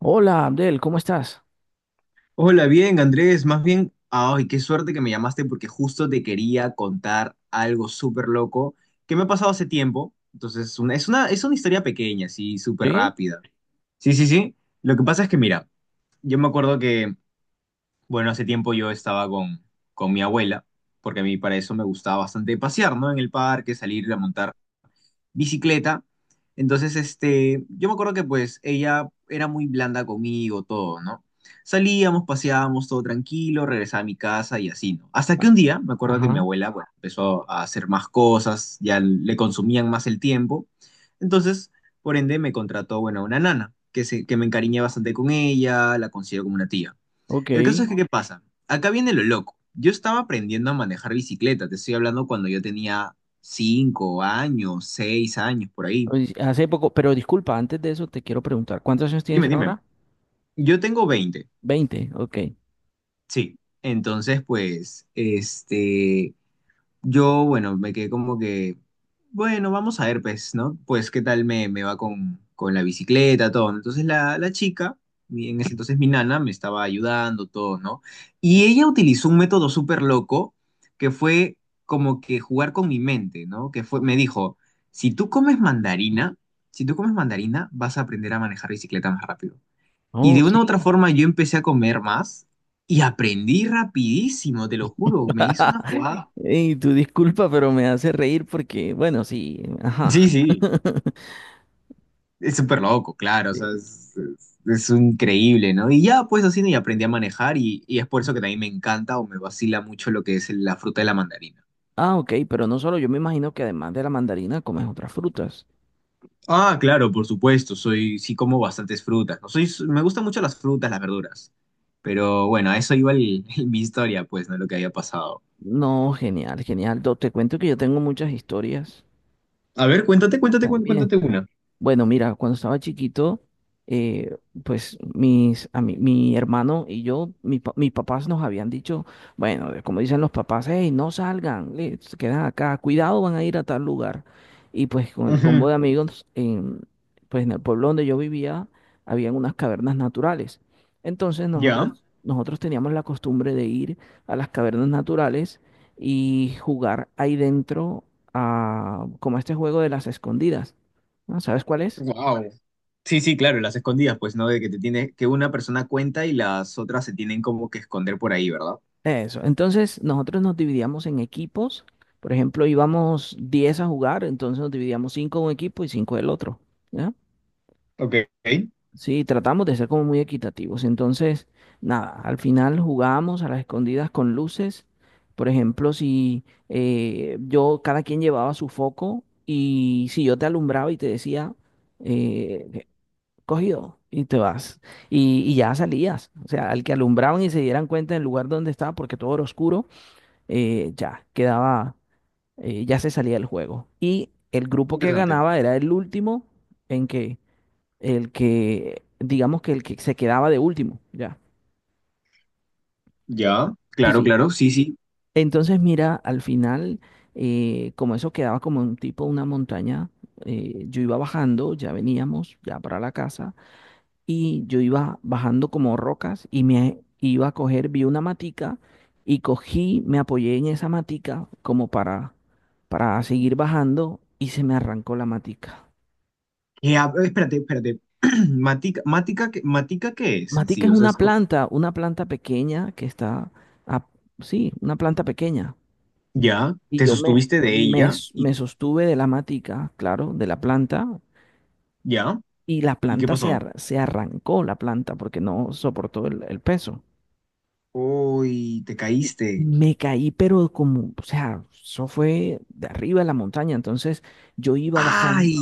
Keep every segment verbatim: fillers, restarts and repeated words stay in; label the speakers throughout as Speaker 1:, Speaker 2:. Speaker 1: Hola, Abdel, ¿cómo estás?
Speaker 2: Hola, bien, Andrés. Más bien, ay, qué suerte que me llamaste porque justo te quería contar algo súper loco que me ha pasado hace tiempo. Entonces, es una, es una, es una historia pequeña, así, súper
Speaker 1: Sí,
Speaker 2: rápida. Sí, sí, sí. Lo que pasa es que, mira, yo me acuerdo que, bueno, hace tiempo yo estaba con, con mi abuela, porque a mí para eso me gustaba bastante pasear, ¿no? En el parque, salir a montar bicicleta. Entonces, este, yo me acuerdo que pues ella era muy blanda conmigo, todo, ¿no? Salíamos, paseábamos, todo tranquilo, regresaba a mi casa y así, ¿no? Hasta que
Speaker 1: Ah.
Speaker 2: un día, me acuerdo que mi
Speaker 1: Ajá,
Speaker 2: abuela, bueno, empezó a hacer más cosas, ya le consumían más el tiempo. Entonces, por ende, me contrató, bueno, a una nana, que, se, que me encariñé bastante con ella, la considero como una tía.
Speaker 1: ok.
Speaker 2: El caso es que, ¿qué pasa? Acá viene lo loco. Yo estaba aprendiendo a manejar bicicleta, te estoy hablando cuando yo tenía cinco años, seis años, por ahí.
Speaker 1: Pues, hace poco, pero disculpa, antes de eso te quiero preguntar, ¿cuántos años
Speaker 2: Dime,
Speaker 1: tienes
Speaker 2: dime.
Speaker 1: ahora?
Speaker 2: Yo tengo veinte.
Speaker 1: Veinte, ok.
Speaker 2: Sí. Entonces, pues, este, yo, bueno, me quedé como que, bueno, vamos a ver, pues, ¿no? Pues, ¿qué tal me, me va con, con la bicicleta, todo, ¿no? Entonces, la, la chica, mi- en ese entonces mi nana, me estaba ayudando, todo, ¿no? Y ella utilizó un método súper loco que fue como que jugar con mi mente, ¿no? Que fue, me dijo, si tú comes mandarina, si tú comes mandarina, vas a aprender a manejar bicicleta más rápido. Y
Speaker 1: Oh,
Speaker 2: de una u otra
Speaker 1: sí.
Speaker 2: forma yo empecé a comer más y aprendí rapidísimo, te lo juro, me hizo una jugada.
Speaker 1: Y tu disculpa, pero me hace reír porque, bueno, sí, ajá.
Speaker 2: Sí, sí. Es súper loco, claro, o sea,
Speaker 1: Sí.
Speaker 2: es, es- es increíble, ¿no? Y ya, pues así, y aprendí a manejar y, y es por eso que también me encanta o me vacila mucho lo que es la fruta de la mandarina.
Speaker 1: Ah, ok, pero no solo, yo me imagino que además de la mandarina comes otras frutas.
Speaker 2: Ah, claro, por supuesto, soy, sí como bastantes frutas, ¿no? Soy, me gustan mucho las frutas, las verduras. Pero bueno, a eso iba el- mi historia, pues, ¿no? Lo que había pasado.
Speaker 1: No, genial, genial. Do- Te cuento que yo tengo muchas historias
Speaker 2: A ver, cuéntate, cuéntate, cuént-
Speaker 1: también.
Speaker 2: cuéntate una.
Speaker 1: Bueno, mira, cuando estaba chiquito, eh, pues mis, a mi, mi hermano y yo, mi pa- mis papás nos habían dicho, bueno, de- como dicen los papás, hey, no salgan, eh, se quedan acá, cuidado, van a ir a tal lugar. Y pues con el combo
Speaker 2: Ujú.
Speaker 1: de amigos, en, pues en el pueblo donde yo vivía, habían unas cavernas naturales. Entonces
Speaker 2: ¿Ya?
Speaker 1: nosotros, nosotros teníamos la costumbre de ir a las cavernas naturales y jugar ahí dentro a, como a este juego de las escondidas. ¿No? ¿Sabes cuál es?
Speaker 2: Wow. Sí, sí, claro, las escondidas, pues, ¿no? De que te tiene, que una persona cuenta y las otras se tienen como que esconder por ahí, ¿verdad?
Speaker 1: Eso. Entonces, nosotros nos dividíamos en equipos. Por ejemplo, íbamos diez a jugar, entonces nos dividíamos cinco de un equipo y cinco del otro. ¿Ya?
Speaker 2: Ok.
Speaker 1: Sí, tratamos de ser como muy equitativos. Entonces, nada, al final jugábamos a las escondidas con luces. Por ejemplo, si eh, yo, cada quien llevaba su foco y si yo te alumbraba y te decía, eh, cogido y te vas. Y, y ya salías. O sea, al que alumbraban y se dieran cuenta del lugar donde estaba, porque todo era oscuro, eh, ya quedaba, eh, ya se salía del juego. Y el grupo que
Speaker 2: Interesante.
Speaker 1: ganaba era el último en que, el que, digamos que el que se quedaba de último, ya.
Speaker 2: Ya,
Speaker 1: Sí,
Speaker 2: claro,
Speaker 1: sí.
Speaker 2: claro, sí, sí.
Speaker 1: Entonces, mira, al final, eh, como eso quedaba como un tipo, una montaña, eh, yo iba bajando, ya veníamos, ya para la casa. Y yo iba bajando como rocas y me iba a coger, vi una matica y cogí, me apoyé en esa matica como para, para seguir bajando y se me arrancó la matica.
Speaker 2: Eh, a- espérate, espérate. Matica, Matica, ¿qué- ¿Matica qué es en
Speaker 1: Matica
Speaker 2: sí?
Speaker 1: es
Speaker 2: O sea, es
Speaker 1: una
Speaker 2: co-
Speaker 1: planta, una planta pequeña que está, a- sí, una planta pequeña.
Speaker 2: Ya,
Speaker 1: Y
Speaker 2: te
Speaker 1: yo me,
Speaker 2: sostuviste de
Speaker 1: me,
Speaker 2: ella
Speaker 1: s-
Speaker 2: y
Speaker 1: me sostuve de la matica, claro, de la planta,
Speaker 2: ya.
Speaker 1: y la
Speaker 2: ¿Y qué
Speaker 1: planta se,
Speaker 2: pasó?
Speaker 1: ar- se arrancó, la planta, porque no soportó el el peso.
Speaker 2: Uy, te
Speaker 1: Y
Speaker 2: caíste.
Speaker 1: me caí, pero como, o sea, eso fue de arriba de la montaña. Entonces yo iba bajando,
Speaker 2: ¡Ay!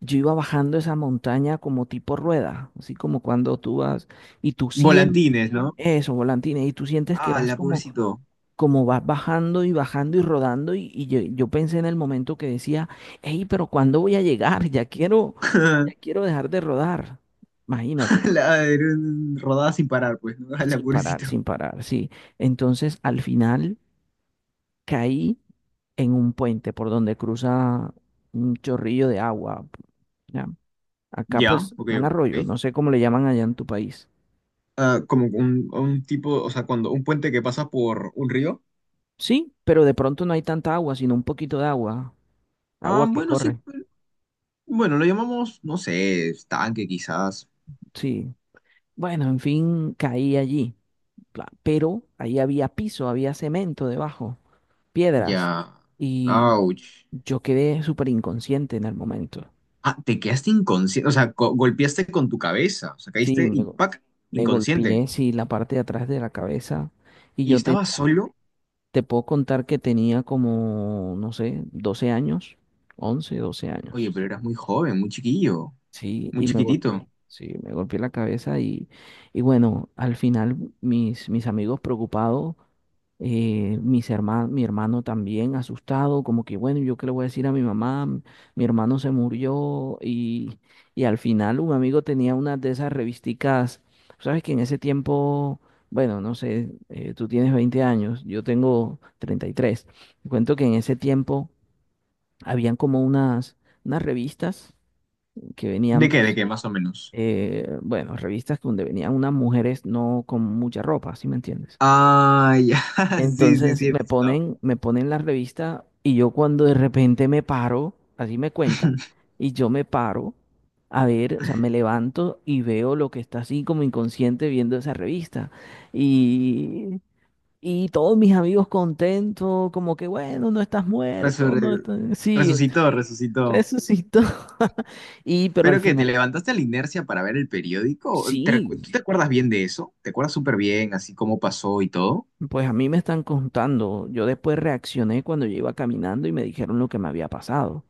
Speaker 1: yo iba bajando esa montaña como tipo rueda, así como cuando tú vas y tú sientes
Speaker 2: Volantines, ¿no?
Speaker 1: eso, volantines, y tú sientes que
Speaker 2: ¡Ah,
Speaker 1: vas
Speaker 2: la
Speaker 1: como,
Speaker 2: pobrecito!
Speaker 1: como vas bajando y bajando y rodando. Y, y yo, yo pensé en el momento que decía, hey, pero ¿cuándo voy a llegar? Ya quiero, ya quiero dejar de rodar. Imagínate,
Speaker 2: La, rodada sin parar, pues, ¿no? ¡Ah, la
Speaker 1: sin parar,
Speaker 2: pobrecito!
Speaker 1: sin parar, sí. Entonces al final, caí en un puente por donde cruza un chorrillo de agua. ¿Ya? Acá
Speaker 2: Ya,
Speaker 1: pues
Speaker 2: ok,
Speaker 1: un arroyo,
Speaker 2: ok.
Speaker 1: no sé cómo le llaman allá en tu país.
Speaker 2: Ah, como un, un tipo, o sea, cuando un puente que pasa por un río.
Speaker 1: Sí, pero de pronto no hay tanta agua, sino un poquito de agua,
Speaker 2: Ah,
Speaker 1: agua que
Speaker 2: bueno, sí.
Speaker 1: corre.
Speaker 2: Bueno, lo llamamos, no sé, estanque quizás.
Speaker 1: Sí. Bueno, en fin, caí allí. Pla- Pero ahí había piso, había cemento debajo, piedras.
Speaker 2: Ya.
Speaker 1: Y
Speaker 2: Ouch.
Speaker 1: yo quedé súper inconsciente en el momento.
Speaker 2: Ah, te quedaste inconsciente, o sea, co- golpeaste con tu cabeza, o sea,
Speaker 1: Sí,
Speaker 2: caíste
Speaker 1: me,
Speaker 2: y
Speaker 1: go-
Speaker 2: ¡pac!
Speaker 1: me
Speaker 2: Inconsciente.
Speaker 1: golpeé, sí, la parte de atrás de la cabeza. Y
Speaker 2: ¿Y
Speaker 1: yo
Speaker 2: estabas
Speaker 1: tenía
Speaker 2: solo?
Speaker 1: Te puedo contar que tenía como, no sé, doce años, once, doce
Speaker 2: Oye,
Speaker 1: años.
Speaker 2: pero eras muy joven, muy chiquillo,
Speaker 1: Sí,
Speaker 2: muy
Speaker 1: y me
Speaker 2: chiquitito.
Speaker 1: golpeé. Sí, me golpeé la cabeza y, y bueno, al final mis, mis amigos preocupados eh, mis herma- mi hermano también asustado, como que bueno, ¿yo qué le voy a decir a mi mamá? Mi hermano se murió y, y al final un amigo tenía una de esas revisticas, sabes que en ese tiempo, bueno, no sé, eh, tú tienes veinte años, yo tengo treinta y tres. Te cuento que en ese tiempo habían como unas, unas revistas que
Speaker 2: ¿De
Speaker 1: venían,
Speaker 2: qué? ¿De
Speaker 1: pues,
Speaker 2: qué, más o menos?
Speaker 1: eh, bueno, revistas donde venían unas mujeres no con mucha ropa, ¿sí me entiendes?
Speaker 2: Ah, ya, sí, sí,
Speaker 1: Entonces
Speaker 2: sí, he
Speaker 1: me
Speaker 2: visto.
Speaker 1: ponen, me ponen la revista y yo cuando de repente me paro, así me cuentan, y yo me paro a ver, o sea, me levanto y veo lo que está así como inconsciente viendo esa revista. Y, y todos mis amigos contentos, como que bueno, no estás muerto, no
Speaker 2: Resurre-
Speaker 1: estás... Sí,
Speaker 2: Resucitó, resucitó.
Speaker 1: resucitó. Y pero al
Speaker 2: ¿Pero qué? ¿Te
Speaker 1: final,
Speaker 2: levantaste a la inercia para ver el periódico? ¿Te, recu-
Speaker 1: sí,
Speaker 2: ¿Tú te acuerdas bien de eso? ¿Te acuerdas súper bien, así cómo pasó y todo?
Speaker 1: pues a mí me están contando. Yo después reaccioné cuando yo iba caminando y me dijeron lo que me había pasado.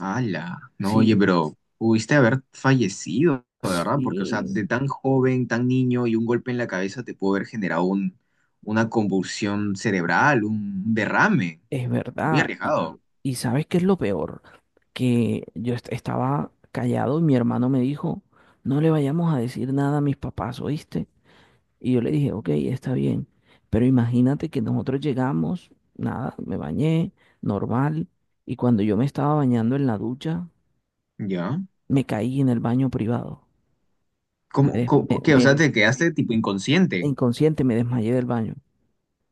Speaker 2: Ala, no, oye,
Speaker 1: Sí.
Speaker 2: pero pudiste haber fallecido, de verdad, porque, o sea,
Speaker 1: Sí,
Speaker 2: de tan joven, tan niño y un golpe en la cabeza te pudo haber generado un, una convulsión cerebral, un derrame,
Speaker 1: es
Speaker 2: muy
Speaker 1: verdad. Y,
Speaker 2: arriesgado.
Speaker 1: y- y ¿sabes qué es lo peor? Que yo est- estaba callado y mi hermano me dijo, no le vayamos a decir nada a mis papás, ¿oíste? Y yo le dije, ok, está bien. Pero imagínate que nosotros llegamos, nada, me bañé, normal. Y cuando yo me estaba bañando en la ducha,
Speaker 2: ¿Ya?
Speaker 1: me caí en el baño privado. Me,
Speaker 2: ¿Cómo,
Speaker 1: des- me-
Speaker 2: cómo- qué? O
Speaker 1: me
Speaker 2: sea,
Speaker 1: des-
Speaker 2: te quedaste tipo inconsciente.
Speaker 1: inconsciente me desmayé del baño.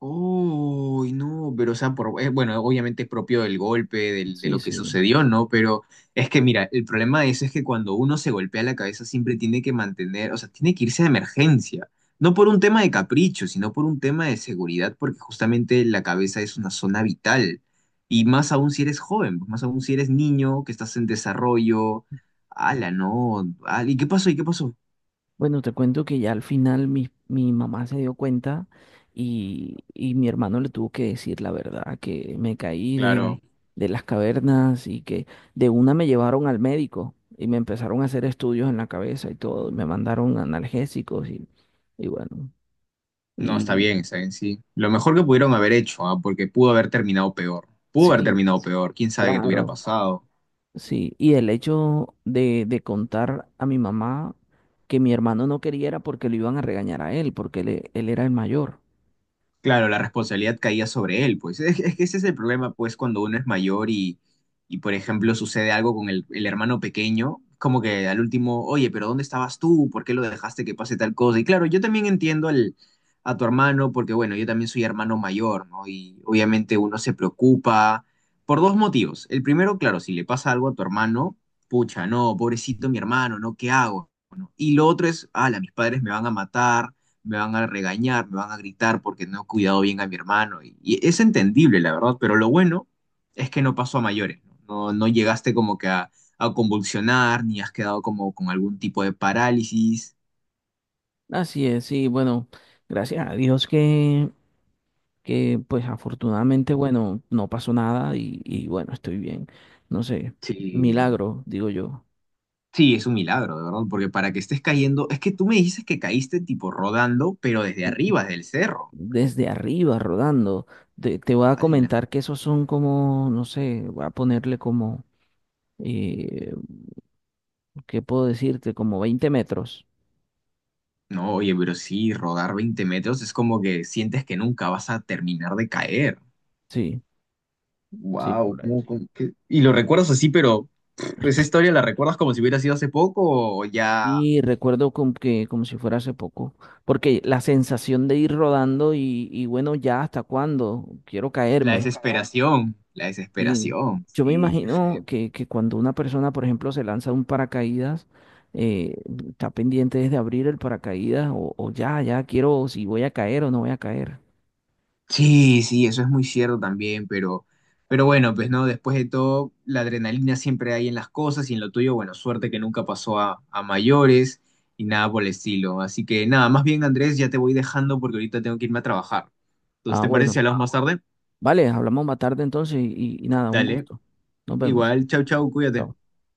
Speaker 2: Uy, no, pero o sea, por, eh, bueno, obviamente es propio del golpe, del- de
Speaker 1: Sí,
Speaker 2: lo que
Speaker 1: sí.
Speaker 2: sucedió, ¿no? Pero es que mira, el problema de eso es que cuando uno se golpea la cabeza siempre tiene que mantener, o sea, tiene que irse de emergencia, no por un tema de capricho, sino por un tema de seguridad, porque justamente la cabeza es una zona vital, y más aún si eres joven, más aún si eres niño, que estás en desarrollo, ala, no, ala, ¿y qué pasó? ¿Y qué pasó?
Speaker 1: Bueno, te cuento que ya al final mi, mi mamá se dio cuenta y, y mi hermano le tuvo que decir la verdad, que me caí de,
Speaker 2: Claro.
Speaker 1: de las cavernas y que de una me llevaron al médico y me empezaron a hacer estudios en la cabeza y todo, y me mandaron analgésicos y, y bueno,
Speaker 2: No, está
Speaker 1: y
Speaker 2: bien, está bien, sí. Lo mejor que pudieron haber hecho, ah, porque pudo haber terminado peor. Pudo haber
Speaker 1: sí,
Speaker 2: terminado peor. Quién sabe qué te hubiera
Speaker 1: claro,
Speaker 2: pasado.
Speaker 1: sí. Y el hecho de, de contar a mi mamá que mi hermano no quería era porque lo iban a regañar a él, porque él, e- él era el mayor.
Speaker 2: Claro, la responsabilidad caía sobre él, pues. Es, es que ese es el problema, pues, cuando uno es mayor y, y por ejemplo, sucede algo con el, el hermano pequeño, como que al último, oye, pero ¿dónde estabas tú? ¿Por qué lo dejaste que pase tal cosa? Y claro, yo también entiendo al, a tu hermano, porque bueno, yo también soy hermano mayor, ¿no? Y obviamente uno se preocupa por dos motivos. El primero, claro, si le pasa algo a tu hermano, pucha, no, pobrecito mi hermano, ¿no? ¿Qué hago? Bueno, y lo otro es, ala, mis padres me van a matar, me van a regañar, me van a gritar porque no he cuidado bien a mi hermano. Y, y es entendible, la verdad, pero lo bueno es que no pasó a mayores, ¿no? No, no llegaste como que a, a convulsionar, ni has quedado como con algún tipo de parálisis.
Speaker 1: Así es, sí, bueno, gracias a Dios que, que pues afortunadamente, bueno, no pasó nada y, y bueno, estoy bien. No sé,
Speaker 2: Sí,
Speaker 1: milagro, digo yo.
Speaker 2: sí, es un milagro, de verdad, porque para que estés cayendo, es que tú me dices que caíste tipo rodando, pero desde arriba, desde el cerro.
Speaker 1: Desde arriba, rodando. Te, te voy a
Speaker 2: ¡Hala!
Speaker 1: comentar que esos son como, no sé, voy a ponerle como, eh, ¿qué puedo decirte? Como veinte metros.
Speaker 2: No, oye, pero sí, rodar veinte metros es como que sientes que nunca vas a terminar de caer.
Speaker 1: Sí, sí,
Speaker 2: Wow,
Speaker 1: por ahí.
Speaker 2: y lo recuerdas así, pero pff, esa historia la recuerdas como si hubiera sido hace poco o ya
Speaker 1: Y recuerdo como que como si fuera hace poco, porque la sensación de ir rodando y, y bueno, ya hasta cuándo quiero
Speaker 2: la
Speaker 1: caerme.
Speaker 2: desesperación, la
Speaker 1: Sí.
Speaker 2: desesperación,
Speaker 1: Yo me
Speaker 2: sí, qué feo.
Speaker 1: imagino que, que cuando una persona, por ejemplo, se lanza un paracaídas, eh, está pendiente desde abrir el paracaídas o, o ya, ya quiero si voy a caer o no voy a caer.
Speaker 2: Sí, sí, eso es muy cierto también, pero, pero bueno, pues no, después de todo, la adrenalina siempre hay en las cosas y en lo tuyo, bueno, suerte que nunca pasó a, a mayores y nada por el estilo. Así que nada, más bien Andrés, ya te voy dejando porque ahorita tengo que irme a trabajar. Entonces,
Speaker 1: Ah,
Speaker 2: ¿te parece si
Speaker 1: bueno,
Speaker 2: hablamos más tarde?
Speaker 1: vale, hablamos más tarde entonces y y nada, un
Speaker 2: Dale,
Speaker 1: gusto. Nos vemos.
Speaker 2: igual, chau, chau, cuídate.
Speaker 1: Chao.